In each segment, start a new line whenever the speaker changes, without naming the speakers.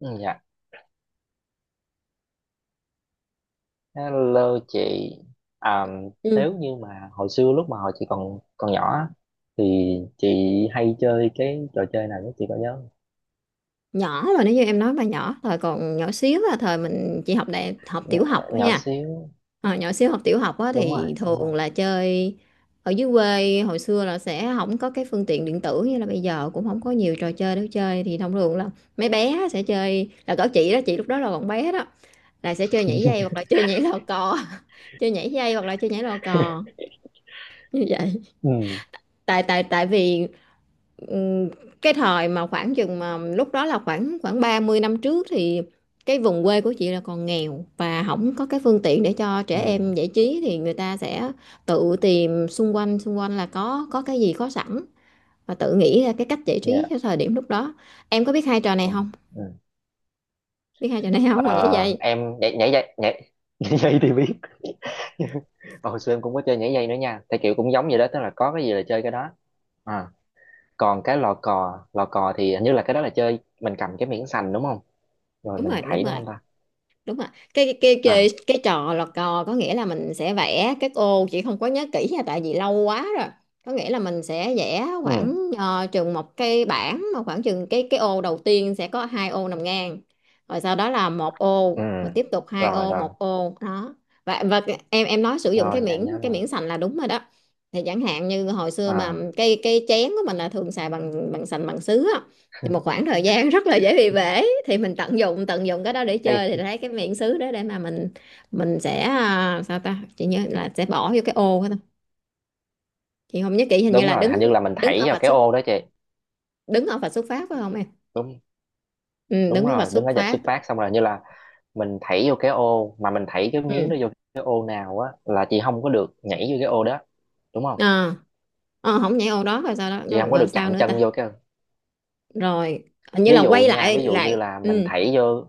Ừ, dạ, hello chị. À, nếu
Ừ.
như mà hồi xưa lúc mà hồi chị còn còn nhỏ á, thì chị hay chơi cái trò chơi nào nhất chị có nhớ không?
Nhỏ rồi, nếu như em nói mà nhỏ thời còn nhỏ xíu là thời mình chỉ học đại học tiểu học thôi
Nhỏ
nha.
xíu,
Ờ, nhỏ xíu học tiểu học á,
đúng rồi,
thì
đúng rồi.
thường là chơi ở dưới quê. Hồi xưa là sẽ không có cái phương tiện điện tử như là bây giờ, cũng không có nhiều trò chơi để chơi, thì thông thường là mấy bé sẽ chơi. Là có chị đó, chị lúc đó là còn bé đó, là sẽ chơi nhảy dây hoặc là chơi nhảy lò cò. Chơi nhảy dây hoặc là chơi nhảy lò cò như vậy.
Ừ,
Tại tại tại vì ừm, cái thời mà khoảng chừng mà lúc đó là khoảng khoảng 30 năm trước, thì cái vùng quê của chị là còn nghèo và không có cái phương tiện để cho
ừ,
trẻ em giải trí, thì người ta sẽ tự tìm xung quanh. Xung quanh là có cái gì có sẵn và tự nghĩ ra cái cách giải trí cho
dạ,
thời điểm lúc đó. Em có biết hai trò này
ừ,
không?
ừ.
Biết hai trò này không mà Nhảy
Ờ,
dây.
em nhảy nhảy dây, nhảy nhảy dây thì biết. Mà hồi xưa em cũng có chơi nhảy dây nữa nha. Theo kiểu cũng giống vậy đó, tức là có cái gì là chơi cái đó. À, còn cái lò cò thì hình như là cái đó là chơi mình cầm cái miếng sành đúng không? Rồi
Đúng
mình
rồi, đúng
thảy đúng
rồi.
không ta?
Đúng ạ, cái cái cái cái,
À,
cái trò lọt cò có nghĩa là mình sẽ vẽ các ô. Chỉ không có nhớ kỹ nha tại vì lâu quá rồi. Có nghĩa là mình sẽ vẽ
ừ,
khoảng chừng một cái bảng mà khoảng chừng cái ô đầu tiên sẽ có hai ô nằm ngang, rồi sau đó là một ô,
ừ,
rồi tiếp tục hai
rồi
ô,
rồi
một ô đó. Và em nói sử dụng cái
rồi, dạ em
miếng
nhớ
cái
rồi.
miếng sành là đúng rồi đó. Thì chẳng hạn như hồi xưa mà
À,
cái chén của mình là thường xài bằng bằng sành bằng sứ á. Thì một khoảng thời gian rất là dễ bị bể thì mình tận dụng cái đó để
cái
chơi. Thì thấy cái miệng xứ đó để mà mình sẽ sao ta, chị nhớ là sẽ bỏ vô cái ô đó thôi. Chị không nhớ kỹ, hình như
đúng
là
rồi, hình
đứng
như là mình
đứng
thảy
ở
vào
vạch
cái
xuất
ô đó chị.
đứng ở vạch xuất phát phải không em?
Đúng,
Ừ,
đúng
đứng ở vạch
rồi,
xuất
đứng ở vạch
phát.
xuất phát xong rồi như là mình thảy vô cái ô mà mình thảy cái miếng đó
Ừ.
vô. Cái ô nào á là chị không có được nhảy vô cái ô đó, đúng không,
à, Không nhảy ô đó, rồi sao đó,
chị
rồi,
không có được
rồi sao
chạm
nữa
chân
ta?
vô cái,
Rồi hình như là
ví dụ
quay
nha,
lại
ví dụ như
lại
là mình
Ừ,
thảy vô,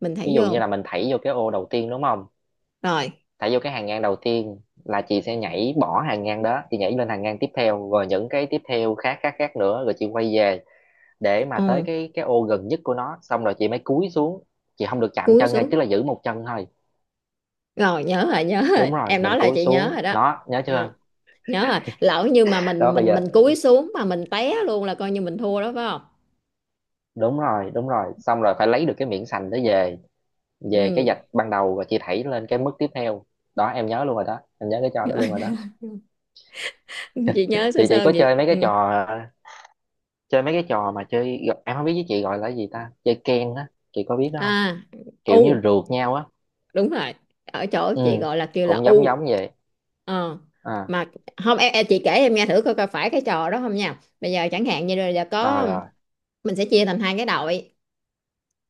mình thấy
ví dụ như
vô.
là mình thảy vô cái ô đầu tiên đúng không,
Rồi
thảy vô cái hàng ngang đầu tiên là chị sẽ nhảy bỏ hàng ngang đó, chị nhảy lên hàng ngang tiếp theo rồi những cái tiếp theo khác khác khác nữa, rồi chị quay về để mà tới
ừ,
cái ô gần nhất của nó, xong rồi chị mới cúi xuống, chị không được chạm
cúi
chân ngay,
xuống.
tức là giữ một chân thôi.
Rồi nhớ rồi, nhớ rồi,
Đúng rồi,
em nói
mình
là
cúi
chị nhớ
xuống
rồi đó.
đó nhớ
Ờ.
chưa.
Nhớ rồi, lỡ như mà
Đó
mình,
bây
mình
giờ,
mình cúi xuống mà mình té luôn là coi như mình thua đó phải không?
đúng rồi đúng rồi, xong rồi phải lấy được cái miếng sành đó về, về cái
Ừ.
vạch ban đầu rồi chị thảy lên cái mức tiếp theo. Đó em nhớ luôn rồi đó, em nhớ cái trò đó luôn rồi đó.
Chị nhớ
chị
sơ
chị
sơ
có
gì.
chơi mấy cái
Ừ.
trò, chơi mấy cái trò mà chơi, em không biết với chị gọi là gì ta, chơi ken á chị có biết đó
À,
không, kiểu như
u.
rượt nhau á.
Đúng rồi. Ở chỗ chị
Ừ,
gọi là kêu là
cũng giống
u.
giống vậy.
Ờ.
À,
Mà không em, em chị kể em nghe thử coi, coi phải cái trò đó không nha. Bây giờ chẳng hạn như là
rồi
có,
rồi,
mình sẽ chia thành hai cái đội.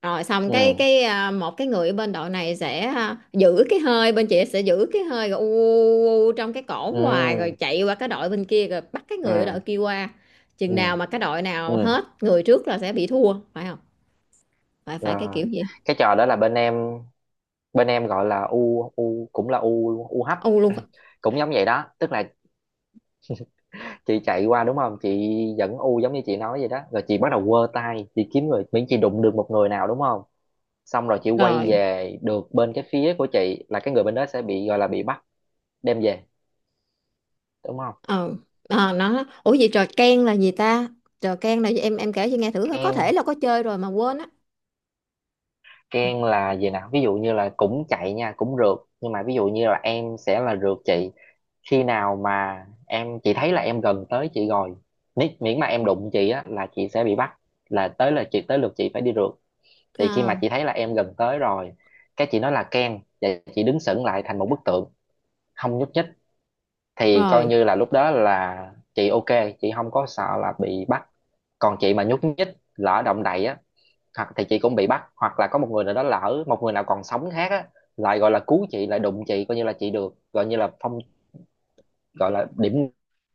Rồi xong cái
ừ,
cái à, một cái người ở bên đội này sẽ giữ cái hơi, bên chị sẽ giữ cái hơi rồi u, u, u trong cái cổ hoài rồi
ừ,
chạy qua cái đội bên kia, rồi bắt cái
ừ,
người ở đội kia qua. Chừng
ừ,
nào mà cái đội nào
ừ,
hết người trước là sẽ bị thua phải không? Phải phải cái
rồi,
kiểu gì.
cái trò đó là bên em, bên em gọi là u u, cũng là u u hấp.
U luôn phải.
Cũng giống vậy đó, tức là chị chạy qua đúng không chị, dẫn u giống như chị nói vậy đó, rồi chị bắt đầu quơ tay, chị kiếm người, miễn chị đụng được một người nào đúng không, xong rồi chị quay
Rồi.
về được bên cái phía của chị là cái người bên đó sẽ bị gọi là bị bắt, đem về, đúng không.
Ờ. Ờ, ủa vậy trò ken là gì ta? Trò ken là gì Em kể cho nghe thử coi. Có thể
Ken,
là có chơi rồi mà quên á. Ừ.
Ken là gì nào, ví dụ như là cũng chạy nha, cũng rượt, nhưng mà ví dụ như là em sẽ là rượt chị, khi nào mà chị thấy là em gần tới chị rồi, miễn mà em đụng chị á là chị sẽ bị bắt, là tới là chị tới lượt chị phải đi rượt, thì khi mà
Ờ.
chị thấy là em gần tới rồi, cái chị nói là Ken và chị đứng sững lại thành một bức tượng, không nhúc nhích, thì coi
Rồi.
như là lúc đó là chị ok, chị không có sợ là bị bắt, còn chị mà nhúc nhích, lỡ động đậy á, hoặc thì chị cũng bị bắt, hoặc là có một người nào đó, lỡ một người nào còn sống khác á, lại gọi là cứu chị, lại đụng chị, coi như là chị được gọi như là phong, gọi là điểm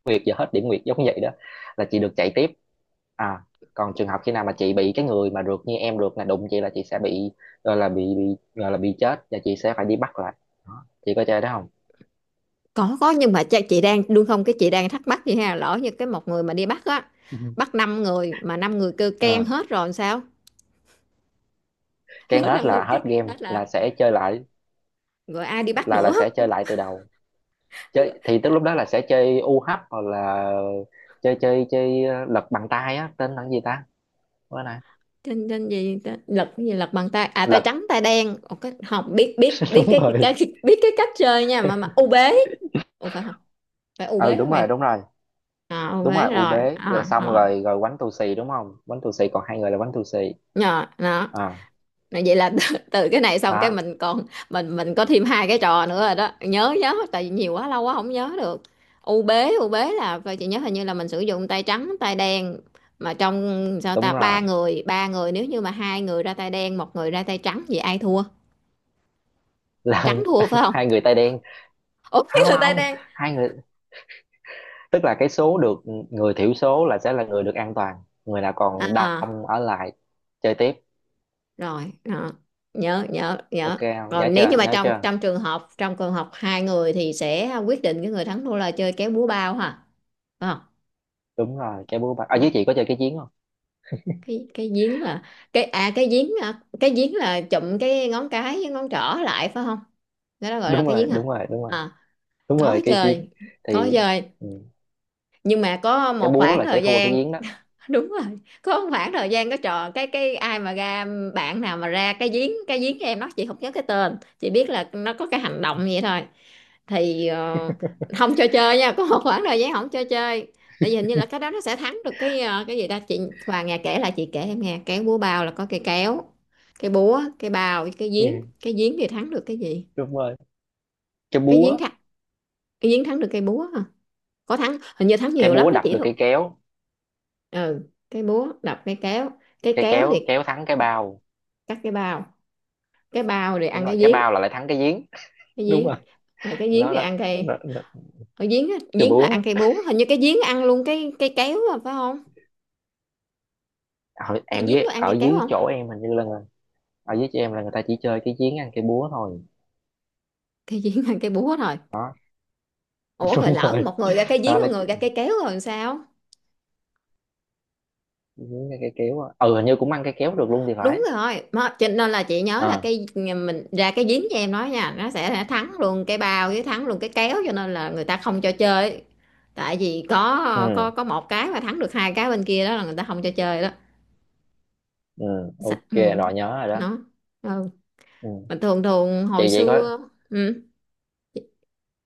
nguyệt, giờ hết điểm nguyệt giống vậy đó, là chị được chạy tiếp. À, còn trường hợp khi nào mà chị bị cái người mà rượt như em rượt là đụng chị là chị sẽ bị gọi là bị gọi là bị chết, và chị sẽ phải đi bắt lại. Đó, chị có chơi đó không.
Có nhưng mà cha, chị đang đúng không? Cái chị đang thắc mắc vậy ha, lỡ như cái một người mà đi bắt á,
Ừ.
bắt năm người mà năm người kêu keng
Ờ,
hết rồi làm sao?
cái
Lỡ
hết
năm người
là
kêu
hết
keng
game
hết là,
là sẽ chơi lại,
rồi ai đi bắt
là
nữa?
sẽ chơi lại từ đầu, chơi thì tức lúc đó là sẽ chơi u UH hoặc là chơi chơi chơi lật bằng tay á tên là cái gì ta, bữa nay
trên trên gì ta- lật cái gì, lật bằng tay à, tay
lật.
trắng tay đen. Ồ, cái không biết biết biết
Đúng rồi,
cái biết cái cách chơi nha, mà u bế. Ủa phải không? Phải u
ừ
bế
đúng
không em?
rồi, đúng rồi,
À, u
đúng
bế
rồi, u
rồi,
bế rồi,
à
xong
rồi.
rồi rồi quánh tù xì đúng không, quánh tù xì còn hai người là quánh tù xì.
Nhờ đó.
À,
Vậy là từ cái này xong cái
đó
mình còn, mình có thêm hai cái trò nữa rồi đó. Nhớ nhớ, tại vì nhiều quá, lâu quá không nhớ được. U bế là, và chị nhớ hình như là mình sử dụng tay trắng tay đen. Mà trong, sao
đúng
ta,
rồi,
ba người nếu như mà hai người ra tay đen, một người ra tay trắng vậy ai thua?
là
Trắng thua phải không?
hai người tay đen,
Ủa, cái
không
người tay
không,
đen.
hai người, tức là cái số được, người thiểu số là sẽ là người được an toàn, người nào còn
À
đông ở lại chơi tiếp,
rồi. À, nhớ nhớ
ok
nhớ.
không, nhớ
Còn nếu như
chưa,
mà
nhớ
trong
chưa.
trong trường hợp hai người thì sẽ quyết định cái người thắng thua là chơi kéo búa bao hả, phải không?
Đúng rồi cái búa bạc ở dưới, chị có chơi cái chiến không.
Cái giếng là, cái cái giếng, cái giếng là chụm cái ngón cái với ngón trỏ lại phải không? Đó là gọi là
Đúng
cái
rồi,
giếng à?
đúng rồi, đúng rồi,
À,
đúng
có
rồi cái chiến
chơi. Có
thì
chơi
ừ,
nhưng mà có
cái
một
búa
khoảng
là sẽ
thời
thua cái
gian.
giếng đó.
Đúng rồi, có một khoảng thời gian có trò, cái ai mà ra, bạn nào mà ra cái giếng cho em nó, chị không nhớ cái tên, chị biết là nó có cái hành động vậy thôi. Thì không cho chơi nha, có một khoảng thời gian không cho chơi. Tại vì hình như là cái đó nó sẽ thắng được cái, cái gì ta, chị Hoàng nghe kể, là chị kể em nghe. Cái búa bao là có cây kéo, cái búa, cái bao với cái
Ừ,
giếng cái giếng thì thắng được cái gì?
đúng rồi cái
Cái giếng
búa,
thắng. Cái giếng thắng được cây búa hả? Có thắng, hình như thắng
cái
nhiều
búa
lắm đó
đập
chị
được
thôi.
cái kéo,
Ừ, cái búa đập cái kéo, cái
cái
kéo
kéo
thì
kéo thắng cái bao,
cắt cái bao, cái bao rồi
đúng
ăn
rồi
cái
cái
giếng.
bao là lại thắng cái giếng,
Cái
đúng
giếng.
rồi,
Ờ, cái giếng
nó
thì
đó,
ăn cây.
nó
Ở giếng á,
cái
giếng là ăn
búa.
cây búa, hình như cái giếng ăn luôn cái cây kéo à, phải không?
Ở,
Cái
em
giếng
dưới
có ăn
ở
cây kéo
dưới
không?
chỗ em hình như là, ở dưới chỗ em là người ta chỉ chơi cái giếng ăn cái búa thôi.
Cái giếng ăn cây búa thôi.
Đó.
Ủa rồi
Đúng
lỡ
rồi,
một người ra cái giếng,
đó là
một người ra cây kéo rồi làm sao?
giếng ăn cái kéo á. Ừ hình như cũng ăn cái kéo được luôn thì phải.
Đúng rồi, mà cho nên là chị nhớ là
À,
cái, mình ra cái giếng cho em nói nha, nó sẽ thắng luôn cái bao với thắng luôn cái kéo, cho nên là người ta không cho chơi. Tại vì có, có
ừ,
có một cái mà thắng được hai cái bên kia, đó là người ta không cho chơi đó.
ừ
Dạ,
ok
ừ.
rồi nhớ rồi đó.
Nó. Ừ.
Ừ.
Mà thường thường hồi
Chị vậy có,
xưa. Ừ,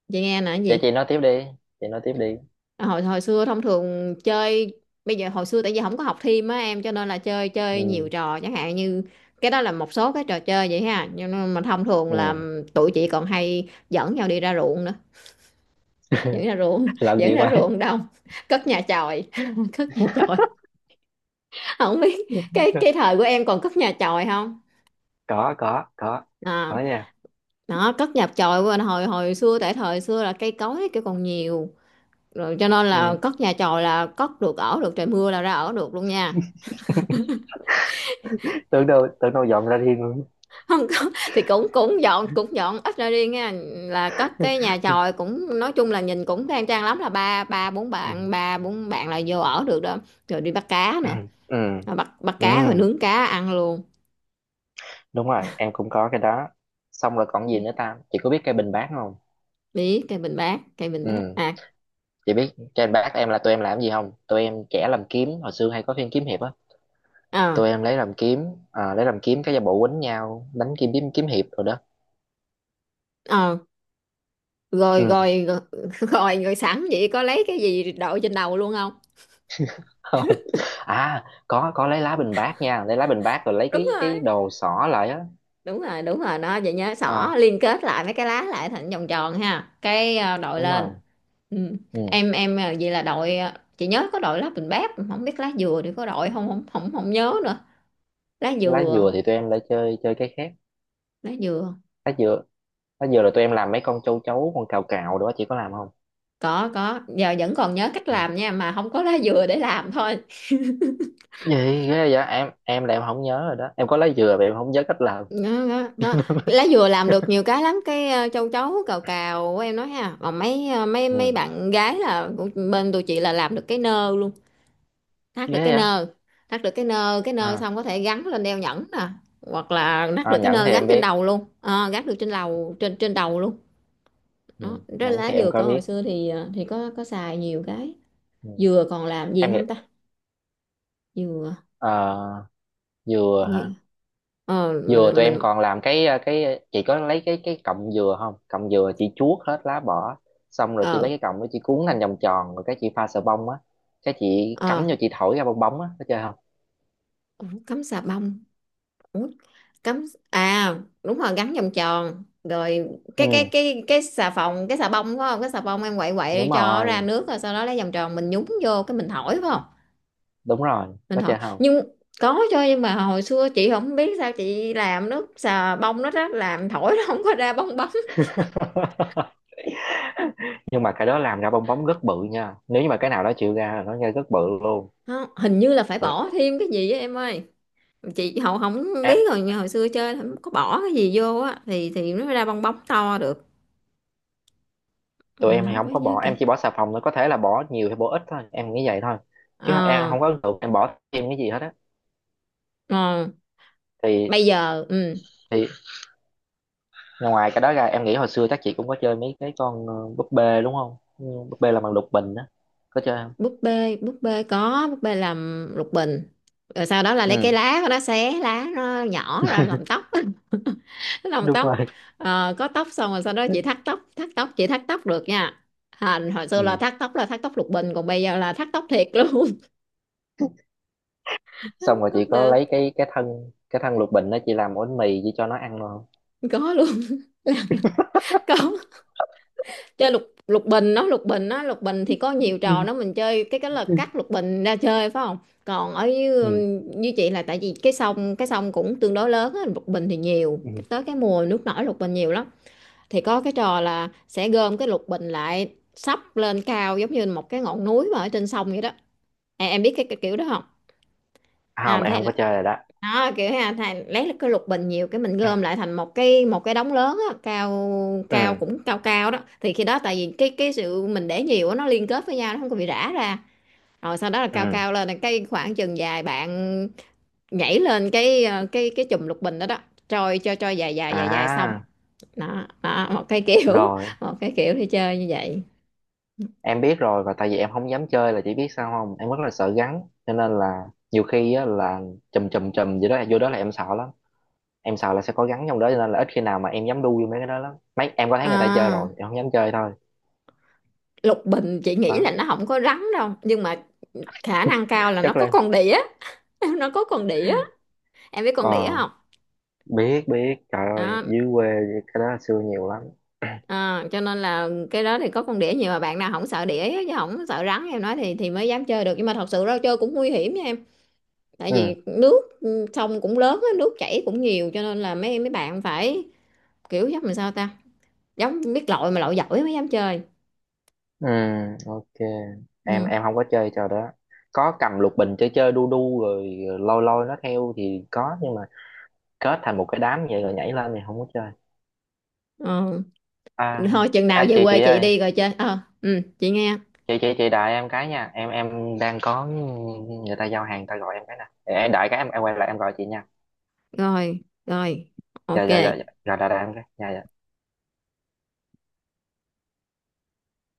chị nghe nè, cái
chị
gì?
chị nói tiếp đi, chị nói tiếp đi.
Hồi hồi xưa thông thường chơi, bây giờ hồi xưa tại vì không có học thêm á em, cho nên là chơi chơi nhiều
Ừ,
trò, chẳng hạn như, cái đó là một số cái trò chơi vậy ha. Nhưng mà thông thường là
ừ.
tụi chị còn hay dẫn nhau đi ra ruộng nữa. Dẫn ra ruộng.
Làm
Dẫn
gì
ra
vậy.
ruộng đông. Cất nhà chòi. Cất nhà chòi, không biết cái thời của em còn cất nhà chòi không?
có có có
à,
có nha,
Đó, cất nhà chòi của anh hồi hồi xưa, tại thời xưa là cây cối cái còn nhiều, rồi cho nên
ừ.
là cất nhà chòi là cất được, ở được, trời mưa là ra ở được luôn nha.
Tưởng đâu tưởng đâu dọn ra riêng luôn.
Không có thì cũng cũng dọn, cũng dọn ít ra đi nha, là cất cái nhà chòi cũng, nói chung là nhìn cũng khang trang lắm, là ba
Ừ.
ba bốn bạn là vô ở được đó. Rồi đi bắt cá
Ừ,
nữa.
ừ,
Rồi bắt bắt
ừ,
cá rồi nướng cá ăn luôn.
đúng rồi em cũng có cái đó, xong rồi còn gì nữa ta, chị có biết cây bình bát không.
Cây bình bát, cây bình
Ừ,
bát à?
chị biết cây bình bát, em là tụi em làm gì không, tụi em trẻ làm kiếm, hồi xưa hay có phim kiếm hiệp á,
Ờ.
tụi em lấy làm kiếm. À, lấy làm kiếm cái giả bộ quýnh nhau đánh kiếm kiếm kiếm hiệp rồi đó.
Ờ. Rồi
Ừ.
rồi rồi. Rồi sẵn vậy có lấy cái gì đội trên đầu luôn không?
Không, à có lấy lá bình bát nha, lấy lá bình bát rồi lấy
Đúng
cái
rồi,
đồ xỏ lại á.
đúng rồi, đúng rồi đó. Vậy nhớ xỏ
À
liên kết lại mấy cái lá lại thành vòng tròn ha, cái đội
đúng
lên.
rồi,
Ừ.
ừ.
em vậy là đội chị nhớ có đội lá bình bát, không biết lá dừa thì có đội không, không không không nhớ nữa. Lá
Lá
dừa.
dừa thì tụi em lại chơi chơi cái khác.
Lá dừa.
Lá dừa, lá dừa là tụi em làm mấy con châu chấu con cào cào đó chị có làm không.
Có giờ vẫn còn nhớ cách
Ừ.
làm nha, mà không có lá dừa để làm thôi.
Gì ghê vậy, em là em không nhớ rồi đó, em có lá dừa mà em không nhớ cách làm.
Đó, đó, đó. Lá dừa làm được nhiều cái lắm. Cái châu chấu cào cào của em nói ha, còn mấy ờ, mấy mấy
Ừ
bạn gái là của bên tụi chị là làm được cái nơ luôn. Thắt được
ghê
cái
vậy.
nơ, thắt được cái nơ. Cái nơ
À,
xong có thể gắn lên đeo nhẫn nè, hoặc là thắt
à
được cái
nhẫn
nơ
thì
gắn
em
trên
biết.
đầu luôn. Ờ, Gắn được trên đầu, trên trên đầu luôn.
Ừ.
Đó, cái
Nhẫn
lá
thì em
dừa
có
có hồi
biết.
xưa thì thì có xài nhiều cái.
Ừ.
Dừa còn làm gì
Em nghĩ,
không ta? Dừa,
ờ, dừa hả.
như, ờ
Dừa
mình
tụi em
mình
còn làm cái cái chị có lấy cái cọng dừa không, cọng dừa chị chuốt hết lá bỏ, xong rồi chị
ờ.
lấy cái cọng đó chị cuốn thành vòng tròn rồi cái chị pha sờ bông á, cái chị cắm
Ờ,
vô chị thổi ra bong bóng á, có chơi không.
ủa, cắm xà bông? Ủa, cắm, à, đúng rồi, gắn vòng tròn rồi. cái cái
Ừ
cái cái xà phòng, cái xà bông phải không? Cái xà bông em quậy quậy
đúng
cho ra
rồi
nước, rồi sau đó lấy vòng tròn mình nhúng vô, cái mình thổi, phải không?
đúng rồi,
Mình
có
hỏi
chơi không.
nhưng có cho, nhưng mà hồi xưa chị không biết sao chị làm nước xà bông nó rất làm thổi nó không có ra bong bóng.
Nhưng mà cái đó làm ra bong bóng rất bự nha, nếu như mà cái nào đó chịu ra là nó ra rất bự luôn.
Không, hình như là phải bỏ thêm cái gì á em ơi. Chị hậu không
Em,
biết rồi, nhưng hồi xưa chơi là không có bỏ cái gì vô á thì nó mới ra bong bóng to được.
tụi
Mình
em thì
không
không
có
có
nhớ
bỏ,
kìa.
em chỉ bỏ xà phòng thôi, có thể là bỏ nhiều hay bỏ ít thôi em nghĩ vậy thôi, chứ
Ờ.
không, em không có ấn tượng em bỏ thêm cái gì hết á,
Ờ,
thì
bây giờ ừ,
thì ngoài cái đó ra em nghĩ hồi xưa chắc chị cũng có chơi mấy cái con búp bê đúng không, ừ, búp bê là bằng lục bình á, có chơi không.
búp bê, búp bê có, búp bê làm lục bình. Rồi sau đó là lấy cái
Ừ.
lá của nó, xé lá nó nhỏ ra làm tóc. Làm
Đúng
tóc.
rồi.
Ờ, có tóc xong rồi sau đó chị thắt tóc, thắt tóc, chị thắt tóc được nha. À, hồi xưa
Ừ.
là thắt tóc lục bình, còn bây giờ là thắt tóc thiệt luôn. Thắt
Xong rồi
tóc
chị có
được.
lấy cái cái thân lục bình đó chị làm bánh mì chị cho nó ăn luôn không.
Có luôn. Có. Chơi lục, lục bình nó, lục bình nó, lục bình thì có nhiều trò
Ừ.
đó. Mình chơi cái là cắt lục bình ra chơi phải không? Còn ở như,
Ừ.
như chị là tại vì cái sông, cái sông cũng tương đối lớn á, lục bình thì nhiều cái-
Ừ.
tới cái mùa nước nổi lục bình nhiều lắm. Thì có cái trò là sẽ gom cái lục bình lại sắp lên cao, giống như một cái ngọn núi mà ở trên sông vậy đó. Em biết cái kiểu đó không?
À, không
À,
em không
thấy
có chơi rồi đó.
đó, kiểu ha, thay lấy cái lục bình nhiều cái mình gom lại thành một cái đống lớn á, cao. Cao
Ừ,
cũng cao cao đó. Thì khi đó tại vì cái sự mình để nhiều á, nó liên kết với nhau, nó không có bị rã ra. Rồi sau đó là cao
ừ,
cao lên là cái khoảng chừng dài bạn nhảy lên cái cái chùm lục bình đó đó, trôi cho dài dài dài dài xong.
à
Đó, đó, một cái kiểu
rồi
một cái kiểu đi chơi như vậy.
em biết rồi, và tại vì em không dám chơi là chỉ biết sao không, em rất là sợ rắn, cho nên là nhiều khi á, là chùm chùm chùm gì đó vô đó là em sợ lắm, em sợ là sẽ có rắn trong đó, cho nên là ít khi nào mà em dám đu vô mấy cái đó lắm, mấy em có thấy người ta chơi
À,
rồi em không dám chơi thôi.
lục bình chị nghĩ
Đó
là nó không có rắn đâu, nhưng mà khả năng cao là nó
chắc
có
là em.
con đĩa. Nó có con đĩa. Em biết
Ờ
con đĩa không?
biết biết, trời ơi
À,
dưới quê cái đó xưa nhiều lắm.
à, cho nên là cái đó thì có con đĩa nhiều, mà bạn nào không sợ đĩa chứ không sợ rắn em nói thì mới dám chơi được. Nhưng mà thật sự ra chơi cũng nguy hiểm nha em. Tại
Ừ,
vì nước ừ, sông cũng lớn á, nước chảy cũng nhiều, cho nên là mấy mấy bạn phải kiểu giống làm sao ta, giống biết lội mà lội giỏi mới dám chơi.
ừ ok, em
Ừ.
em không có chơi trò đó, có cầm lục bình chơi chơi đu đu rồi lôi lôi nó theo thì có, nhưng mà kết thành một cái đám vậy rồi nhảy lên thì không có chơi.
Ờ.
À,
Thôi chừng nào
à
về quê
chị
chị
ơi
đi rồi chơi. Ờ, ừ, chị nghe.
chị đợi em cái nha, em đang có người ta giao hàng, người ta gọi em cái nè, để em đợi cái em quay lại em gọi chị nha.
Rồi, rồi,
Dạ dạ dạ dạ
ok.
rồi đợi, đợi em cái, dạ dạ.